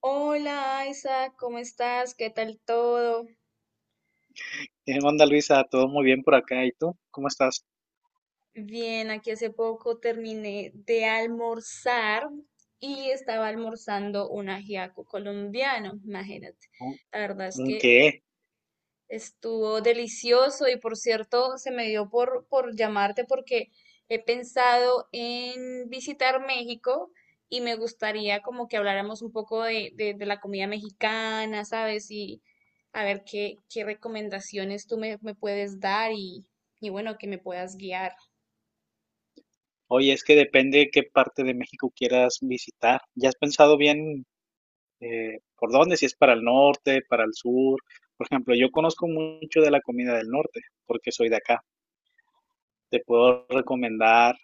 Hola Isa, ¿cómo estás? ¿Qué tal todo? ¿Qué onda, Luisa? ¿Todo muy bien por acá? ¿Y tú? ¿Cómo estás? Bien, aquí hace poco terminé de almorzar y estaba almorzando un ajiaco colombiano, imagínate. ¿Un La verdad es un que qué? estuvo delicioso y por cierto, se me dio por llamarte porque he pensado en visitar México y me gustaría como que habláramos un poco de, de la comida mexicana, ¿sabes? Y a ver qué, qué recomendaciones tú me, me puedes dar y bueno, que me puedas guiar. Oye, es que depende qué parte de México quieras visitar. ¿Ya has pensado bien por dónde? Si es para el norte, para el sur. Por ejemplo, yo conozco mucho de la comida del norte porque soy de acá. Te puedo recomendar,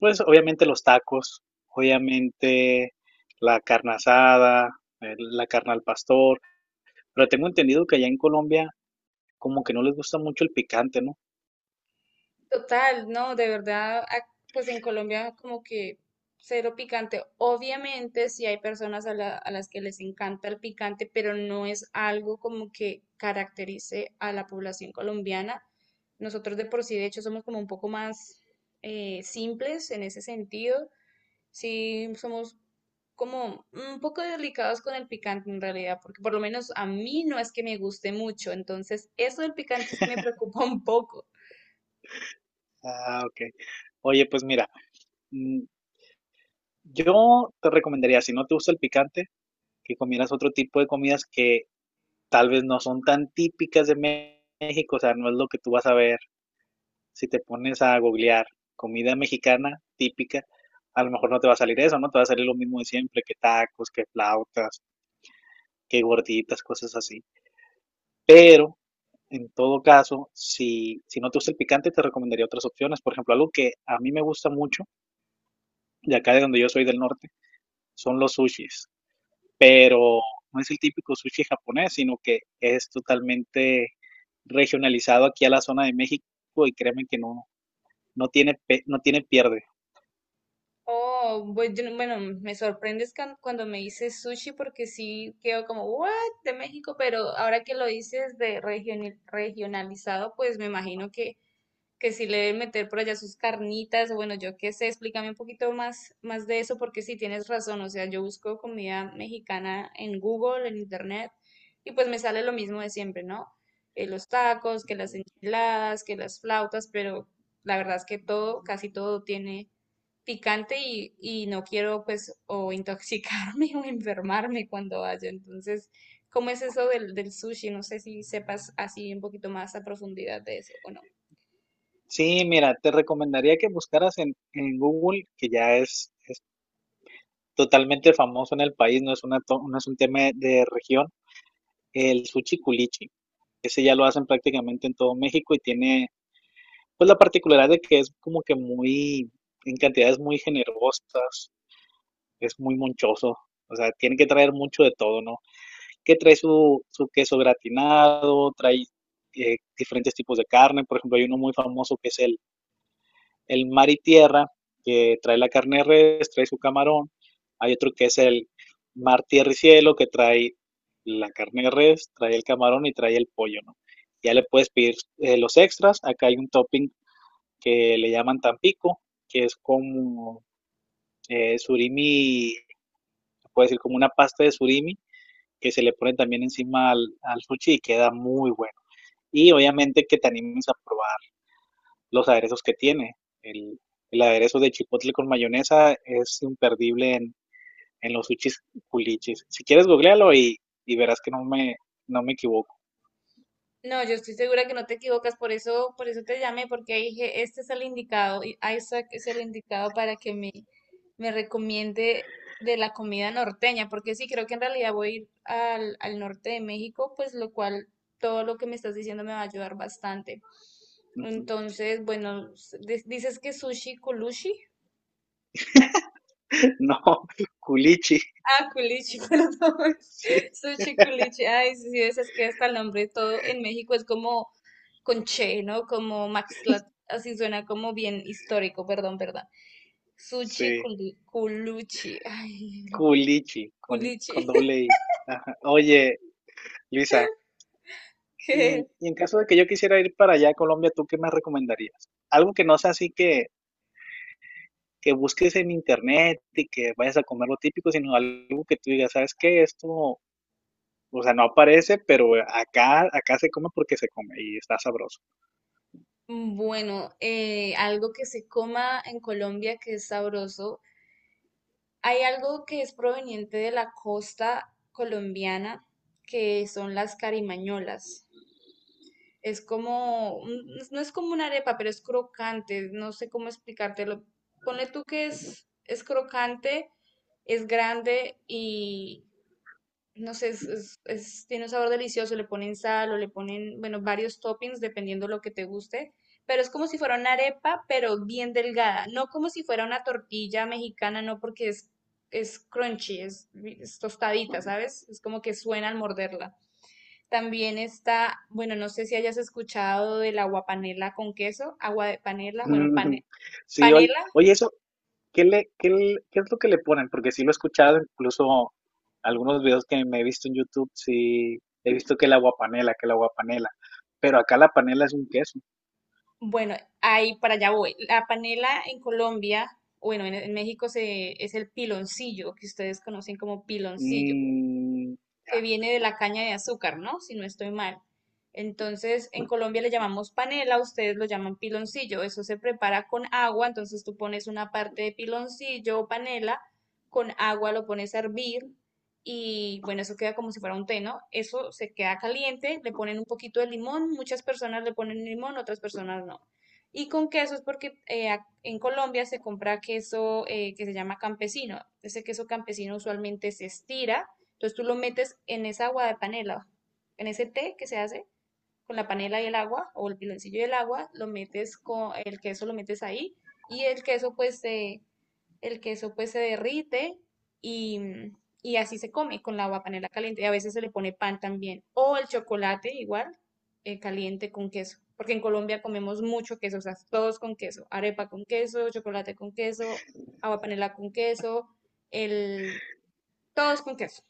pues obviamente los tacos, obviamente la carne asada, la carne al pastor. Pero tengo entendido que allá en Colombia como que no les gusta mucho el picante, ¿no? Total, no, de verdad, pues en Colombia como que cero picante. Obviamente sí hay personas a, a las que les encanta el picante, pero no es algo como que caracterice a la población colombiana. Nosotros de por sí, de hecho, somos como un poco más simples en ese sentido. Sí, somos como un poco delicados con el picante en realidad, porque por lo menos a mí no es que me guste mucho, entonces eso del picante sí me preocupa un poco. Ah, ok. Oye, pues mira, mm, yo te recomendaría, si no te gusta el picante, que comieras otro tipo de comidas que tal vez no son tan típicas de México, o sea, no es lo que tú vas a ver. Si te pones a googlear comida mexicana típica, a lo mejor no te va a salir eso, ¿no? Te va a salir lo mismo de siempre, que tacos, que flautas, que gorditas, cosas así. Pero, en todo caso, si no te gusta el picante, te recomendaría otras opciones. Por ejemplo, algo que a mí me gusta mucho, de acá de donde yo soy del norte, son los sushis, pero no es el típico sushi japonés, sino que es totalmente regionalizado aquí a la zona de México y créeme que no tiene, no tiene pierde. Oh, yo bueno, me sorprendes cuando me dices sushi porque sí quedo como, what, de México, pero ahora que lo dices de regionalizado, pues me imagino que sí le deben meter por allá sus carnitas, o bueno, yo qué sé, explícame un poquito más, más de eso porque sí tienes razón, o sea, yo busco comida mexicana en Google, en Internet, y pues me sale lo mismo de siempre, ¿no? Los tacos, que las enchiladas, que las flautas, pero la verdad es que todo, casi todo tiene picante y no quiero pues o intoxicarme o enfermarme cuando vaya. Entonces, ¿cómo es eso del, del sushi? No sé si sepas así un poquito más a profundidad de eso o no. Sí, mira, te recomendaría que buscaras en Google, que ya es totalmente famoso en el país, no es no es un tema de región, el sushi culichi. Ese ya lo hacen prácticamente en todo México y tiene pues la particularidad de que es en cantidades muy generosas, es muy monchoso. O sea, tiene que traer mucho de todo, ¿no? Que trae su queso gratinado, trae diferentes tipos de carne. Por ejemplo, hay uno muy famoso que es el mar y tierra, que trae la carne de res, trae su camarón. Hay otro que es el mar, tierra y cielo, que trae la carne de res, trae el camarón y trae el pollo, ¿no? Ya le puedes pedir los extras. Acá hay un topping que le llaman tampico, que es como surimi, se puede decir como una pasta de surimi, que se le pone también encima al sushi y queda muy bueno. Y obviamente que te animes a probar los aderezos que tiene. El, el aderezo de chipotle con mayonesa es imperdible en los sushis culichis. Si quieres, googlealo y verás que no me equivoco. No, yo estoy segura que no te equivocas, por eso te llamé, porque dije, este es el indicado, y Isaac es el indicado para que me recomiende de la comida norteña, porque sí, creo que en realidad voy a ir al, al norte de México, pues lo cual todo lo que me estás diciendo me va a ayudar bastante. Entonces, bueno, dices que sushi culichi. No, culichi. Ah, culichi, perdón. Sí, Sushi culichi. Ay, sí, sí, ves, es que hasta el nombre todo en México es como con Che, ¿no? Como Maxla, así suena como bien histórico, perdón, perdón. Sushi sí, Culuchi, ay, lo que... culichi, Culichi, con doble I. Ajá. Oye, Luisa, que y en caso de que yo quisiera ir para allá a Colombia, ¿tú qué me recomendarías? Algo que no sea así que busques en internet y que vayas a comer lo típico, sino algo que tú digas, ¿sabes qué? Esto, o sea, no aparece, pero acá se come porque se come y está sabroso. Bueno, algo que se coma en Colombia que es sabroso. Hay algo que es proveniente de la costa colombiana, que son las carimañolas. Es como, no es como una arepa, pero es crocante, no sé cómo explicártelo. Ponle tú que es crocante, es grande y no sé, es, tiene un sabor delicioso, le ponen sal o le ponen, bueno, varios toppings dependiendo lo que te guste, pero es como si fuera una arepa, pero bien delgada, no como si fuera una tortilla mexicana, no porque es crunchy, es tostadita, ¿sabes? Es como que suena al morderla. También está, bueno, no sé si hayas escuchado del agua panela con queso, agua de panela, bueno, Mm, sí, oye, panela, oye, eso, ¿qué es lo que le ponen? Porque sí lo he escuchado, incluso algunos videos que me he visto en YouTube, sí he visto que la guapanela, pero acá la panela es un queso. bueno, ahí para allá voy. La panela en Colombia, bueno, en México se, es el piloncillo, que ustedes conocen como piloncillo. Mm, ya. Que viene de la caña de azúcar, ¿no? Si no estoy mal. Entonces, en Colombia le llamamos panela, ustedes lo llaman piloncillo. Eso se prepara con agua, entonces tú pones una parte de piloncillo o panela, con agua lo pones a hervir y bueno, eso queda como si fuera un té, ¿no? Eso se queda caliente, le ponen un poquito de limón, muchas personas le ponen limón, otras personas no. Y con queso es porque en Colombia se compra queso que se llama campesino. Ese queso campesino usualmente se estira, entonces tú lo metes en esa agua de panela, en ese té que se hace con la panela y el agua o el piloncillo y el agua, lo metes con el queso, lo metes ahí y el queso pues se, el queso pues se derrite y, y así se come con la agua panela caliente. Y a veces se le pone pan también o el chocolate igual, caliente con queso. Porque en Colombia comemos mucho queso, o sea, todos con queso, arepa con queso, chocolate con queso, agua panela con queso, el, todos con queso.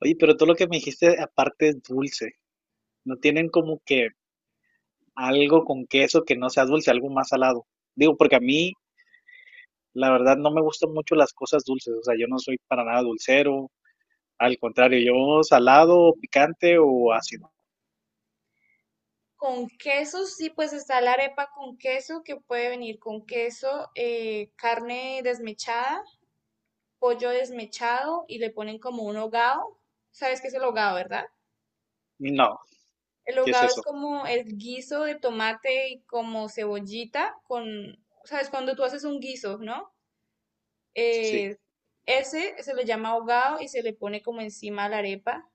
Oye, pero todo lo que me dijiste aparte es dulce. No tienen como que algo con queso que no sea dulce, algo más salado. Digo, porque a mí, la verdad, no me gustan mucho las cosas dulces. O sea, yo no soy para nada dulcero. Al contrario, yo salado, picante o ácido. Con quesos, sí, pues está la arepa con queso, que puede venir con queso, carne desmechada, pollo desmechado y le ponen como un hogado. ¿Sabes qué es el hogado, verdad? No, El ¿qué es hogado eso? es como el guiso de tomate y como cebollita con, ¿sabes? Cuando tú haces un guiso, ¿no? Sí. Eh, Ese se le llama hogado y se le pone como encima la arepa.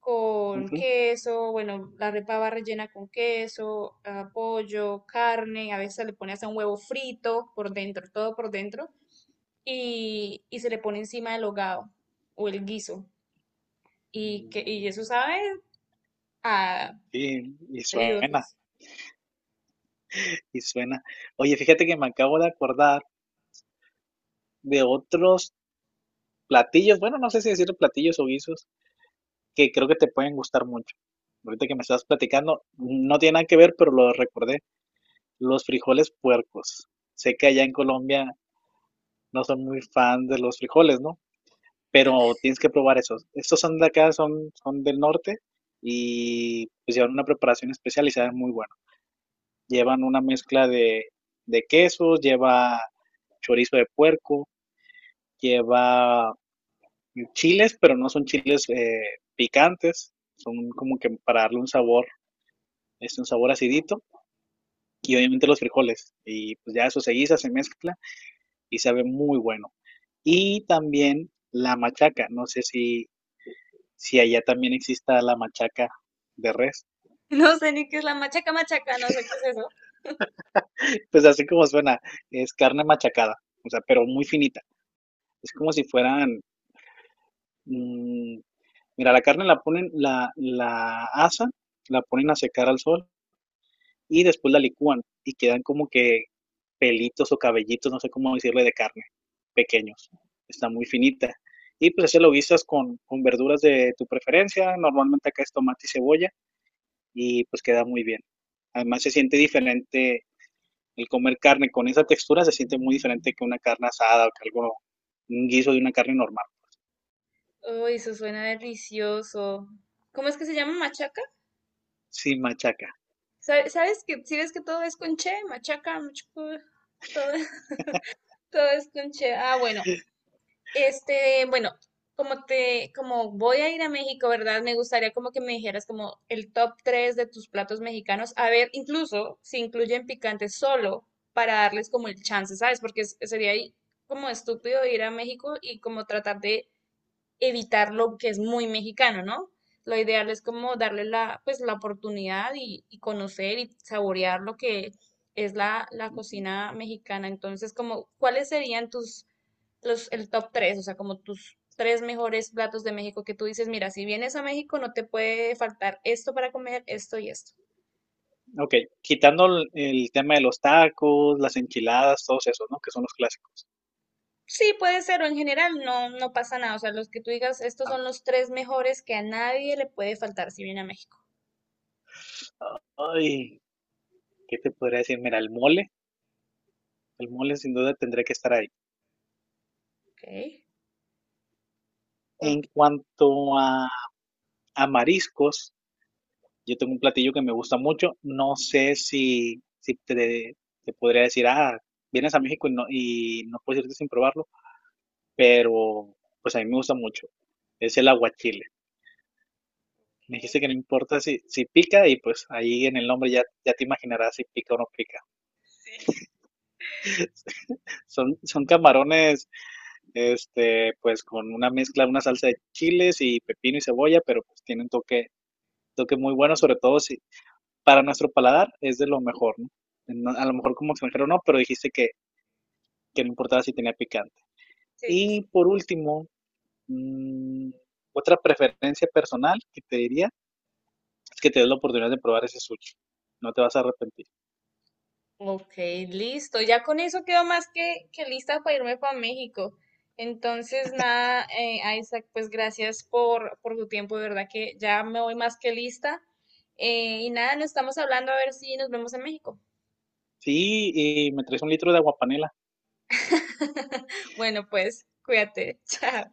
Con Ujú. queso, bueno, la arepa va rellena con queso, ah, pollo, carne, a veces le pone hasta un huevo frito por dentro, todo por dentro, y se le pone encima el hogado o el guiso. Y, que, y Mm, eso sabe a sí, y suena, dioses. y suena. Oye, fíjate que me acabo de acordar de otros platillos. Bueno, no sé si decir platillos o guisos que creo que te pueden gustar mucho. Ahorita que me estás platicando, no tiene nada que ver, pero lo recordé. Los frijoles puercos. Sé que allá en Colombia no son muy fan de los frijoles, ¿no? Pero tienes que probar esos. Estos son de acá, son del norte y pues llevan una preparación especial y saben muy bueno. Llevan una mezcla de quesos, lleva chorizo de puerco, lleva chiles, pero no son chiles picantes, son como que para darle un sabor, es un sabor acidito y obviamente los frijoles. Y pues ya eso se guisa, se mezcla y sabe muy bueno. Y también la machaca, no sé si, si allá también exista la machaca de res. No sé ni qué es la machaca, no sé qué es eso. Pues así como suena, es carne machacada, o sea, pero muy finita. Es como si fueran, mm, mira, la carne la ponen, la asan, la ponen a secar al sol y después la licúan y quedan como que pelitos o cabellitos, no sé cómo decirle, de carne, pequeños. Está muy finita. Y pues así lo guisas con verduras de tu preferencia. Normalmente acá es tomate y cebolla y pues queda muy bien. Además se siente diferente el comer carne con esa textura, se siente muy diferente que una carne asada o que algo, un guiso de una carne normal, Uy, eso suena delicioso. ¿Cómo es que se llama machaca? sin machaca. ¿Sabes que si ves que todo es con che, machaca, machuco, todo, todo es con che? Ah, bueno, este, bueno, como te, como voy a ir a México, ¿verdad? Me gustaría como que me dijeras como el top 3 de tus platos mexicanos. A ver, incluso si incluyen picante solo para darles como el chance, ¿sabes? Porque sería ahí como estúpido ir a México y como tratar de evitar lo que es muy mexicano, ¿no? Lo ideal es como darle la, pues, la oportunidad y conocer y saborear lo que es la, la cocina mexicana. Entonces, como, ¿cuáles serían tus, los, el top 3? O sea, como tus tres mejores platos de México que tú dices, mira, si vienes a México no te puede faltar esto para comer, esto y esto. Ok, quitando el tema de los tacos, las enchiladas, todos esos, ¿no? Que son los clásicos. Sí, puede ser, o en general no, no pasa nada. O sea, los que tú digas, estos Ah, son los tres mejores que a nadie le puede faltar si viene a México. ay, ¿qué te podría decir? Mira, el mole sin duda tendría que estar ahí. Ok. En Porque cuanto a mariscos, yo tengo un platillo que me gusta mucho. No sé si, si te, te podría decir, ah, vienes a México y y no puedes irte sin probarlo, pero pues a mí me gusta mucho. Es el aguachile. Me dijiste que no importa si pica y pues ahí en el nombre ya, ya te imaginarás si pica o no pica. sí. Son camarones este, pues con una mezcla, una salsa de chiles y pepino y cebolla, pero pues tiene un toque muy bueno, sobre todo si para nuestro paladar es de lo mejor, ¿no? A lo mejor como extranjero no, pero dijiste que no importaba si tenía picante. Sí, sí, Y sí. por último, mm, otra preferencia personal que te diría es que te des la oportunidad de probar ese sushi. No te vas a arrepentir. Ok, listo. Ya con eso quedo más que lista para irme para México. Entonces, nada, Isaac, pues gracias por tu tiempo, de verdad que ya me voy más que lista. Y nada, nos estamos hablando a ver si nos vemos en México. Sí, y me traes un litro de agua panela. Bueno, pues cuídate, chao.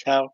Chao.